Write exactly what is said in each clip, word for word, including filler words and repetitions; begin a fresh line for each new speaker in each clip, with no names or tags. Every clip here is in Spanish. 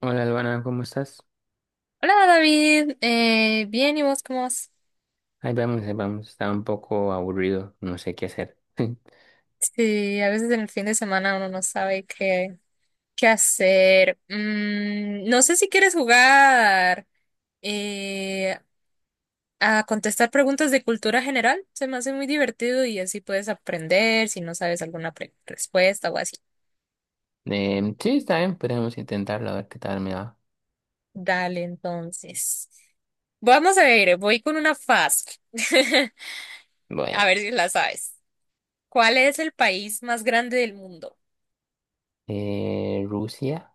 Hola, Albana, ¿cómo estás?
Hola David, eh, bien, ¿y vos cómo vas?
Ahí vamos, ahí vamos. Está un poco aburrido, no sé qué hacer.
Sí, a veces en el fin de semana uno no sabe qué, qué hacer. Mm, no sé si quieres jugar eh, a contestar preguntas de cultura general. Se me hace muy divertido y así puedes aprender si no sabes alguna pre- respuesta o así.
Em, sí, está bien, podemos intentarlo, a ver qué tal me va.
Dale, entonces. Vamos a ver, voy con una fácil. A
Bueno,
ver si la sabes. ¿Cuál es el país más grande del mundo?
eh, Rusia.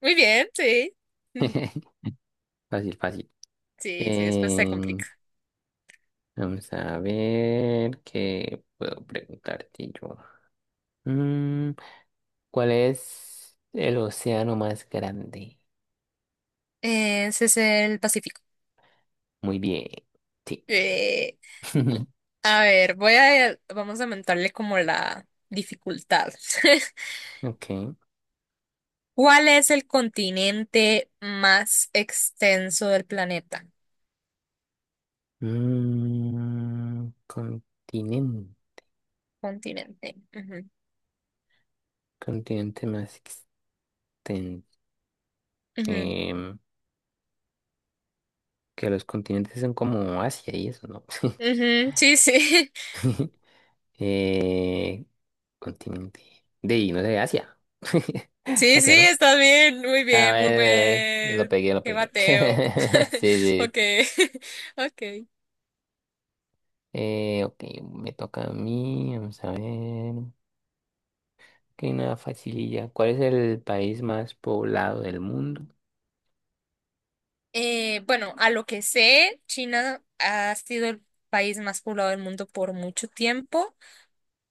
Muy bien, sí.
Fácil, fácil.
Sí, sí, después se
Em,
complica.
vamos a ver qué puedo preguntarte yo. Mm, ¿cuál es el océano más grande?
Ese es el Pacífico.
Muy bien, sí.
Eh, a ver, voy a, vamos a aumentarle como la dificultad.
Ok.
¿Cuál es el continente más extenso del planeta?
Mm, continente.
Continente. Ujú,
Continente más ten-
ujú,
em, que los continentes son como Asia y eso, ¿no?
ujú. Sí, sí.
Eh, continente de, y no sé, Asia.
Sí, sí,
Asia, ¿no?
está bien. Muy
A
bien, muy
ver, a ver, lo
buen.
pegué, lo
Qué
pegué.
bateo.
Sí, sí.
Ok, ok.
Eh, ok, me toca a mí, vamos a ver. Ok, una facililla. ¿Cuál es el país más poblado del mundo?
Eh, bueno, a lo que sé, China ha sido el país más poblado del mundo por mucho tiempo,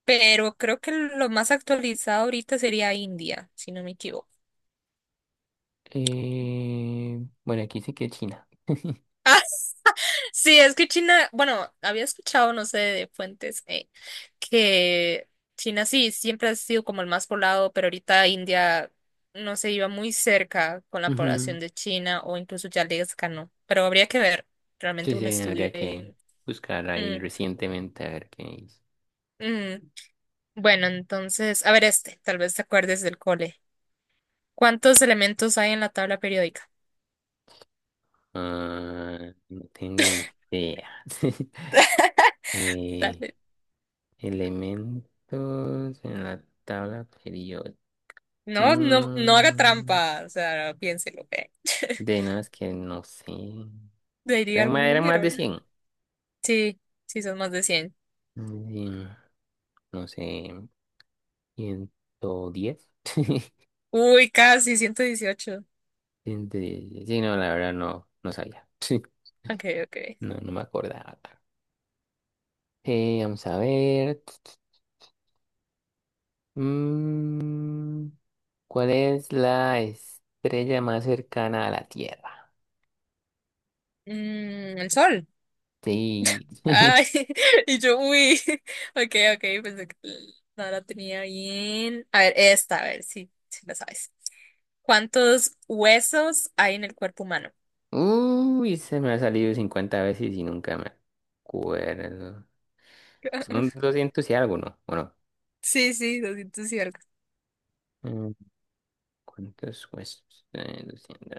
pero creo que lo más actualizado ahorita sería India, si no me equivoco.
Eh, bueno, aquí dice que China.
Sí, es que China, bueno, había escuchado, no sé, de fuentes, eh, que China sí, siempre ha sido como el más poblado, pero ahorita India no se iba muy cerca con la
Ujú.
población de China o incluso ya les ganó, pero habría que ver realmente
Sí,
un
sí,
estudio
habría que
ahí.
buscar ahí
Mm,
recientemente a ver qué hizo.
mm. Bueno, entonces, a ver este, tal vez te acuerdes del cole. ¿Cuántos elementos hay en la tabla periódica?
Ah, no tengo ni idea. Eh,
Dale.
elementos en la tabla periódica.
No, no, no haga
Mm,
trampa, o sea, piénselo, ¿eh?
de nada, es que no sé.
Le diría
Eran más,
algún
eran más
número.
de cien.
Sí, sí, son más de cien.
Mm, no sé, ciento diez.
Uy, casi ciento dieciocho.
Ciento diez. Sí, no, la verdad no, no sabía.
Ok, ok.
No, no me acordaba. Eh, vamos a ver. Mm, ¿cuál es la estrella más cercana a la Tierra?
Mm, el sol.
Sí.
Ay, y yo, uy. Ok, ok, pensé que no la tenía bien. A ver, esta, a ver si, si la sabes. ¿Cuántos huesos hay en el cuerpo humano?
Uy, se me ha salido cincuenta veces y nunca me acuerdo. Son doscientos y algo, ¿no? ¿O no?
Sí, sí, doscientos y algo.
Mm, ¿Cuántos huesos? Eh, doscientos.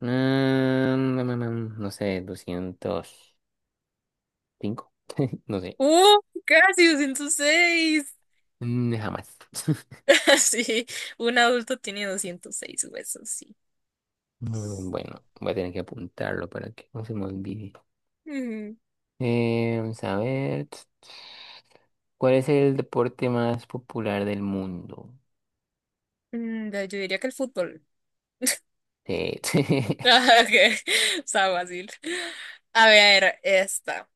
Mm, mm, mm, mm, no sé, doscientos cinco. No sé.
¡Uh! Casi doscientos seis.
Mm, Jamás.
Sí, un adulto tiene doscientos seis huesos, sí.
Mm, Bueno, voy a tener que apuntarlo para que no se me olvide.
Mm,
Eh, vamos a ver. ¿Cuál es el deporte más popular del mundo?
mm, yo diría que el fútbol.
Sí.
Ah, ok, está fácil. A ver, esta.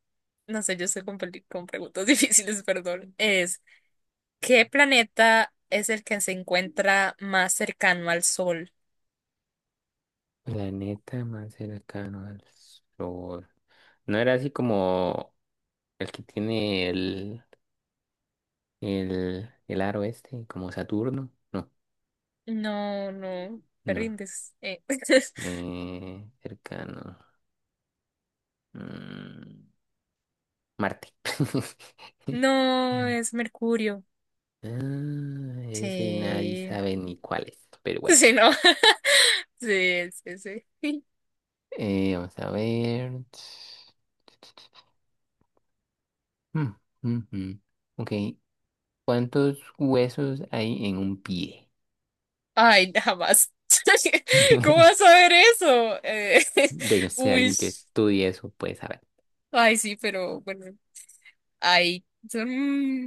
No sé, yo estoy con, peli- con preguntas difíciles, perdón. Es, ¿qué planeta es el que se encuentra más cercano al Sol?
Planeta más cercano al Sol. ¿No era así como el, que tiene el, el, el aro este, como Saturno? No,
No, no, te
no.
rindes. Eh,
Eh, cercano. Mm, Marte.
No, es Mercurio.
Ah, ese nadie
Sí.
sabe ni cuál es, pero bueno.
Sí, ¿no? Sí, sí, sí.
Eh, vamos a ver. Mm, mm, mm. Ok. ¿Cuántos huesos hay en un pie?
Ay, jamás. ¿Cómo vas a ver eso? Eh,
De no sé,
uy.
alguien que estudie eso puede saber.
Ay, sí, pero bueno. Ay, son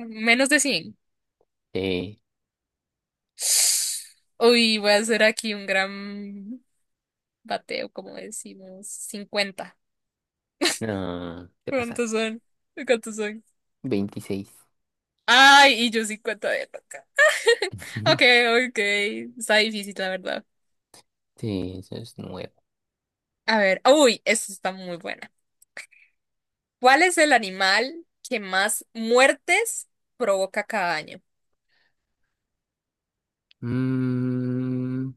menos de cien.
Eh,
Uy, voy a hacer aquí un gran bateo, como decimos, cincuenta.
no, te pasas.
¿Cuántos son? ¿Cuántos son?
Veintiséis.
Ay, y yo cincuenta de toca. Ok, ok. Está difícil, la verdad.
Sí, eso es nuevo.
A ver, uy, esta está muy buena. ¿Cuál es el animal que más muertes provoca cada año?
Mm,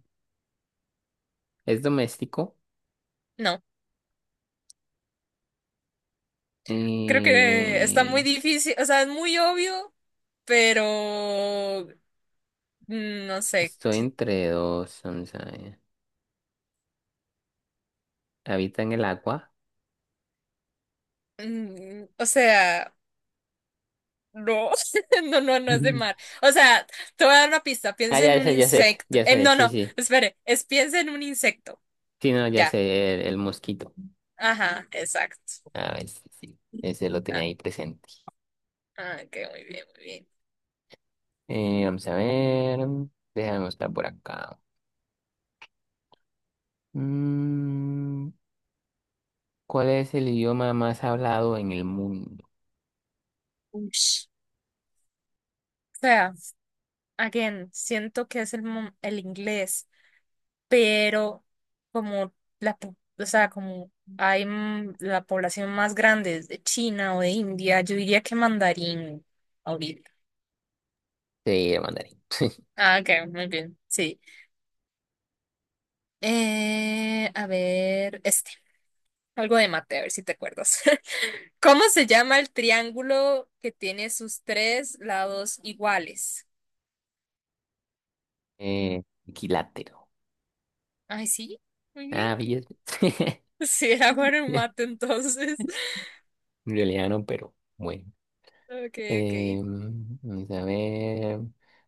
¿es doméstico?
No, creo que está muy
Eh,
difícil, o sea, es muy obvio, pero mm, no sé.
estoy entre dos. Vamos a ver. ¿Habita en el agua?
Mm, O sea, no, no, no, no es de mar. O sea, te voy a dar una pista,
Ah,
piensa en
ya
un
sé, ya sé,
insecto.
ya
Eh,
sé.
no,
Sí,
no,
sí.
espere, es piensa en un insecto.
Sí, no, ya
Ya,
sé, el, el mosquito.
ajá, exacto.
A ver, sí, sí, ese lo tenía
Ah,
ahí presente.
ah, ok, muy bien, muy bien.
Eh, vamos a ver, déjame mostrar por acá. Mm, ¿cuál es el idioma más hablado en el mundo?
Ush. O sea, again, siento que es el, mo- el inglés, pero como la, po- o sea, como hay mm, la población más grande es de China o de India, yo diría que mandarín ahorita.
Sí, el mandarín.
Ah, ok, muy bien, sí. Eh, a ver, este, algo de mate, a ver si te acuerdas. ¿Cómo se llama el triángulo que tiene sus tres lados iguales?
Eh, equilátero.
Ay, sí, muy bien.
Ah, bien.
Sí, era bueno en mate entonces.
En realidad no, pero bueno.
Ok, ok.
Eh, vamos a ver,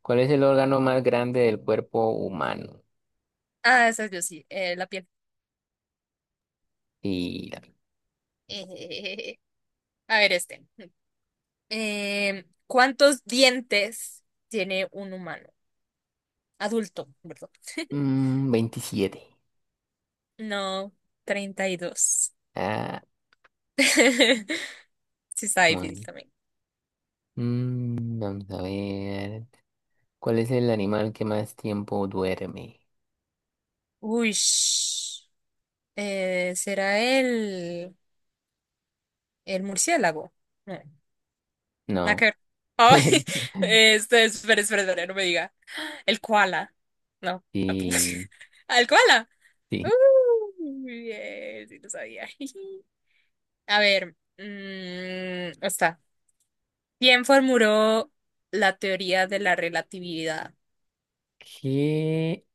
¿cuál es el órgano más grande del cuerpo humano?
Ah, esa yo sí, eh, la piel.
Y,
Eh, a ver, este. Eh, ¿cuántos dientes tiene un humano? Adulto, perdón.
mm, veintisiete.
No, treinta y dos.
Ah,
Sí, está difícil
bueno.
también.
Mm, vamos a ver. ¿Cuál es el animal que más tiempo duerme?
Uy, ¿será el, el murciélago? No, nada
No.
que ver. Ay, este, espera, espera, espera, no me diga. El koala. No, tampoco.
Sí,
¿Al koala? Uh,
sí.
bien, sí lo sabía. A ver, mm, está. ¿Quién formuló la teoría de la relatividad?
¿Qué?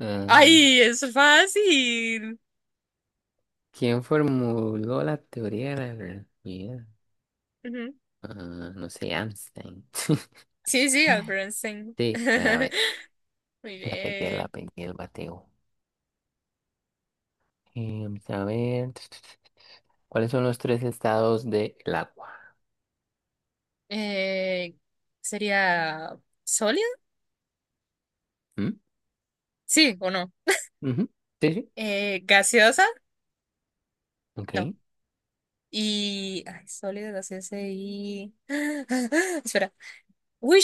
Ah,
¡Ay, es fácil!
¿quién formuló la teoría de la relatividad?
Ujú.
Ah, no sé, Einstein.
Sí, sí, Albert Einstein.
Sí, a ver,
Muy
la pegué, la
bien.
pegué, el bateo. Eh, vamos a ver. ¿Cuáles son los tres estados del agua?
Eh, ¿Sería sólida?
¿Mm?
Sí, ¿o no?
Ujú, sí, sí.
Eh, ¿gaseosa?
Ok.
No. Y. Ay, sólida, gaseosa y. Espera. Uy,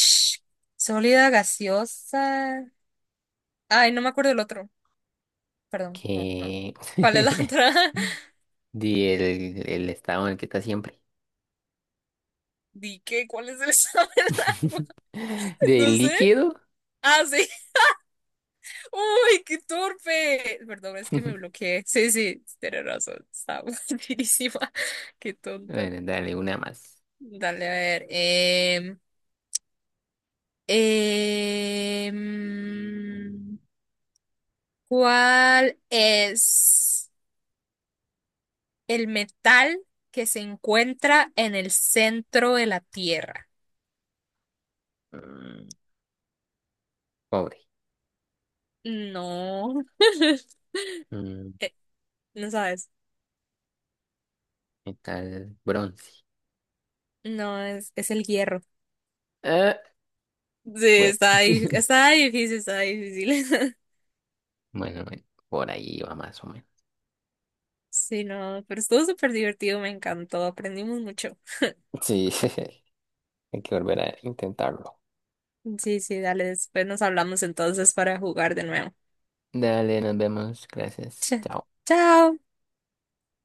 sólida, gaseosa. Ay, no me acuerdo el otro. Perdón, no, no.
¿Qué?
¿Cuál es la otra?
Del el estado en el que está siempre.
Di que, ¿cuál es el examen de agua? No
¿Del
sé.
líquido?
Ah, sí. Uy, qué torpe. Perdón, es que me bloqueé. Sí, sí, tienes razón. Estaba buenísima. Qué tonta.
Bueno, dale una más.
Dale, a ver. em, em, ¿cuál es el metal que se encuentra en el centro de la Tierra?
Mm, Pobre.
No.
Mm,
Eh, no sabes.
Metal bronce.
No, es, es el hierro.
Ah,
Sí,
bueno,
está, dif- está difícil, está difícil.
bueno, bueno, por ahí va más o menos.
Sí, no, pero estuvo súper divertido, me encantó, aprendimos mucho.
Sí, hay que volver a intentarlo.
Sí, sí, dale, después nos hablamos entonces para jugar de nuevo.
Dale, nos vemos. Gracias.
Ch-
Chao.
Chao.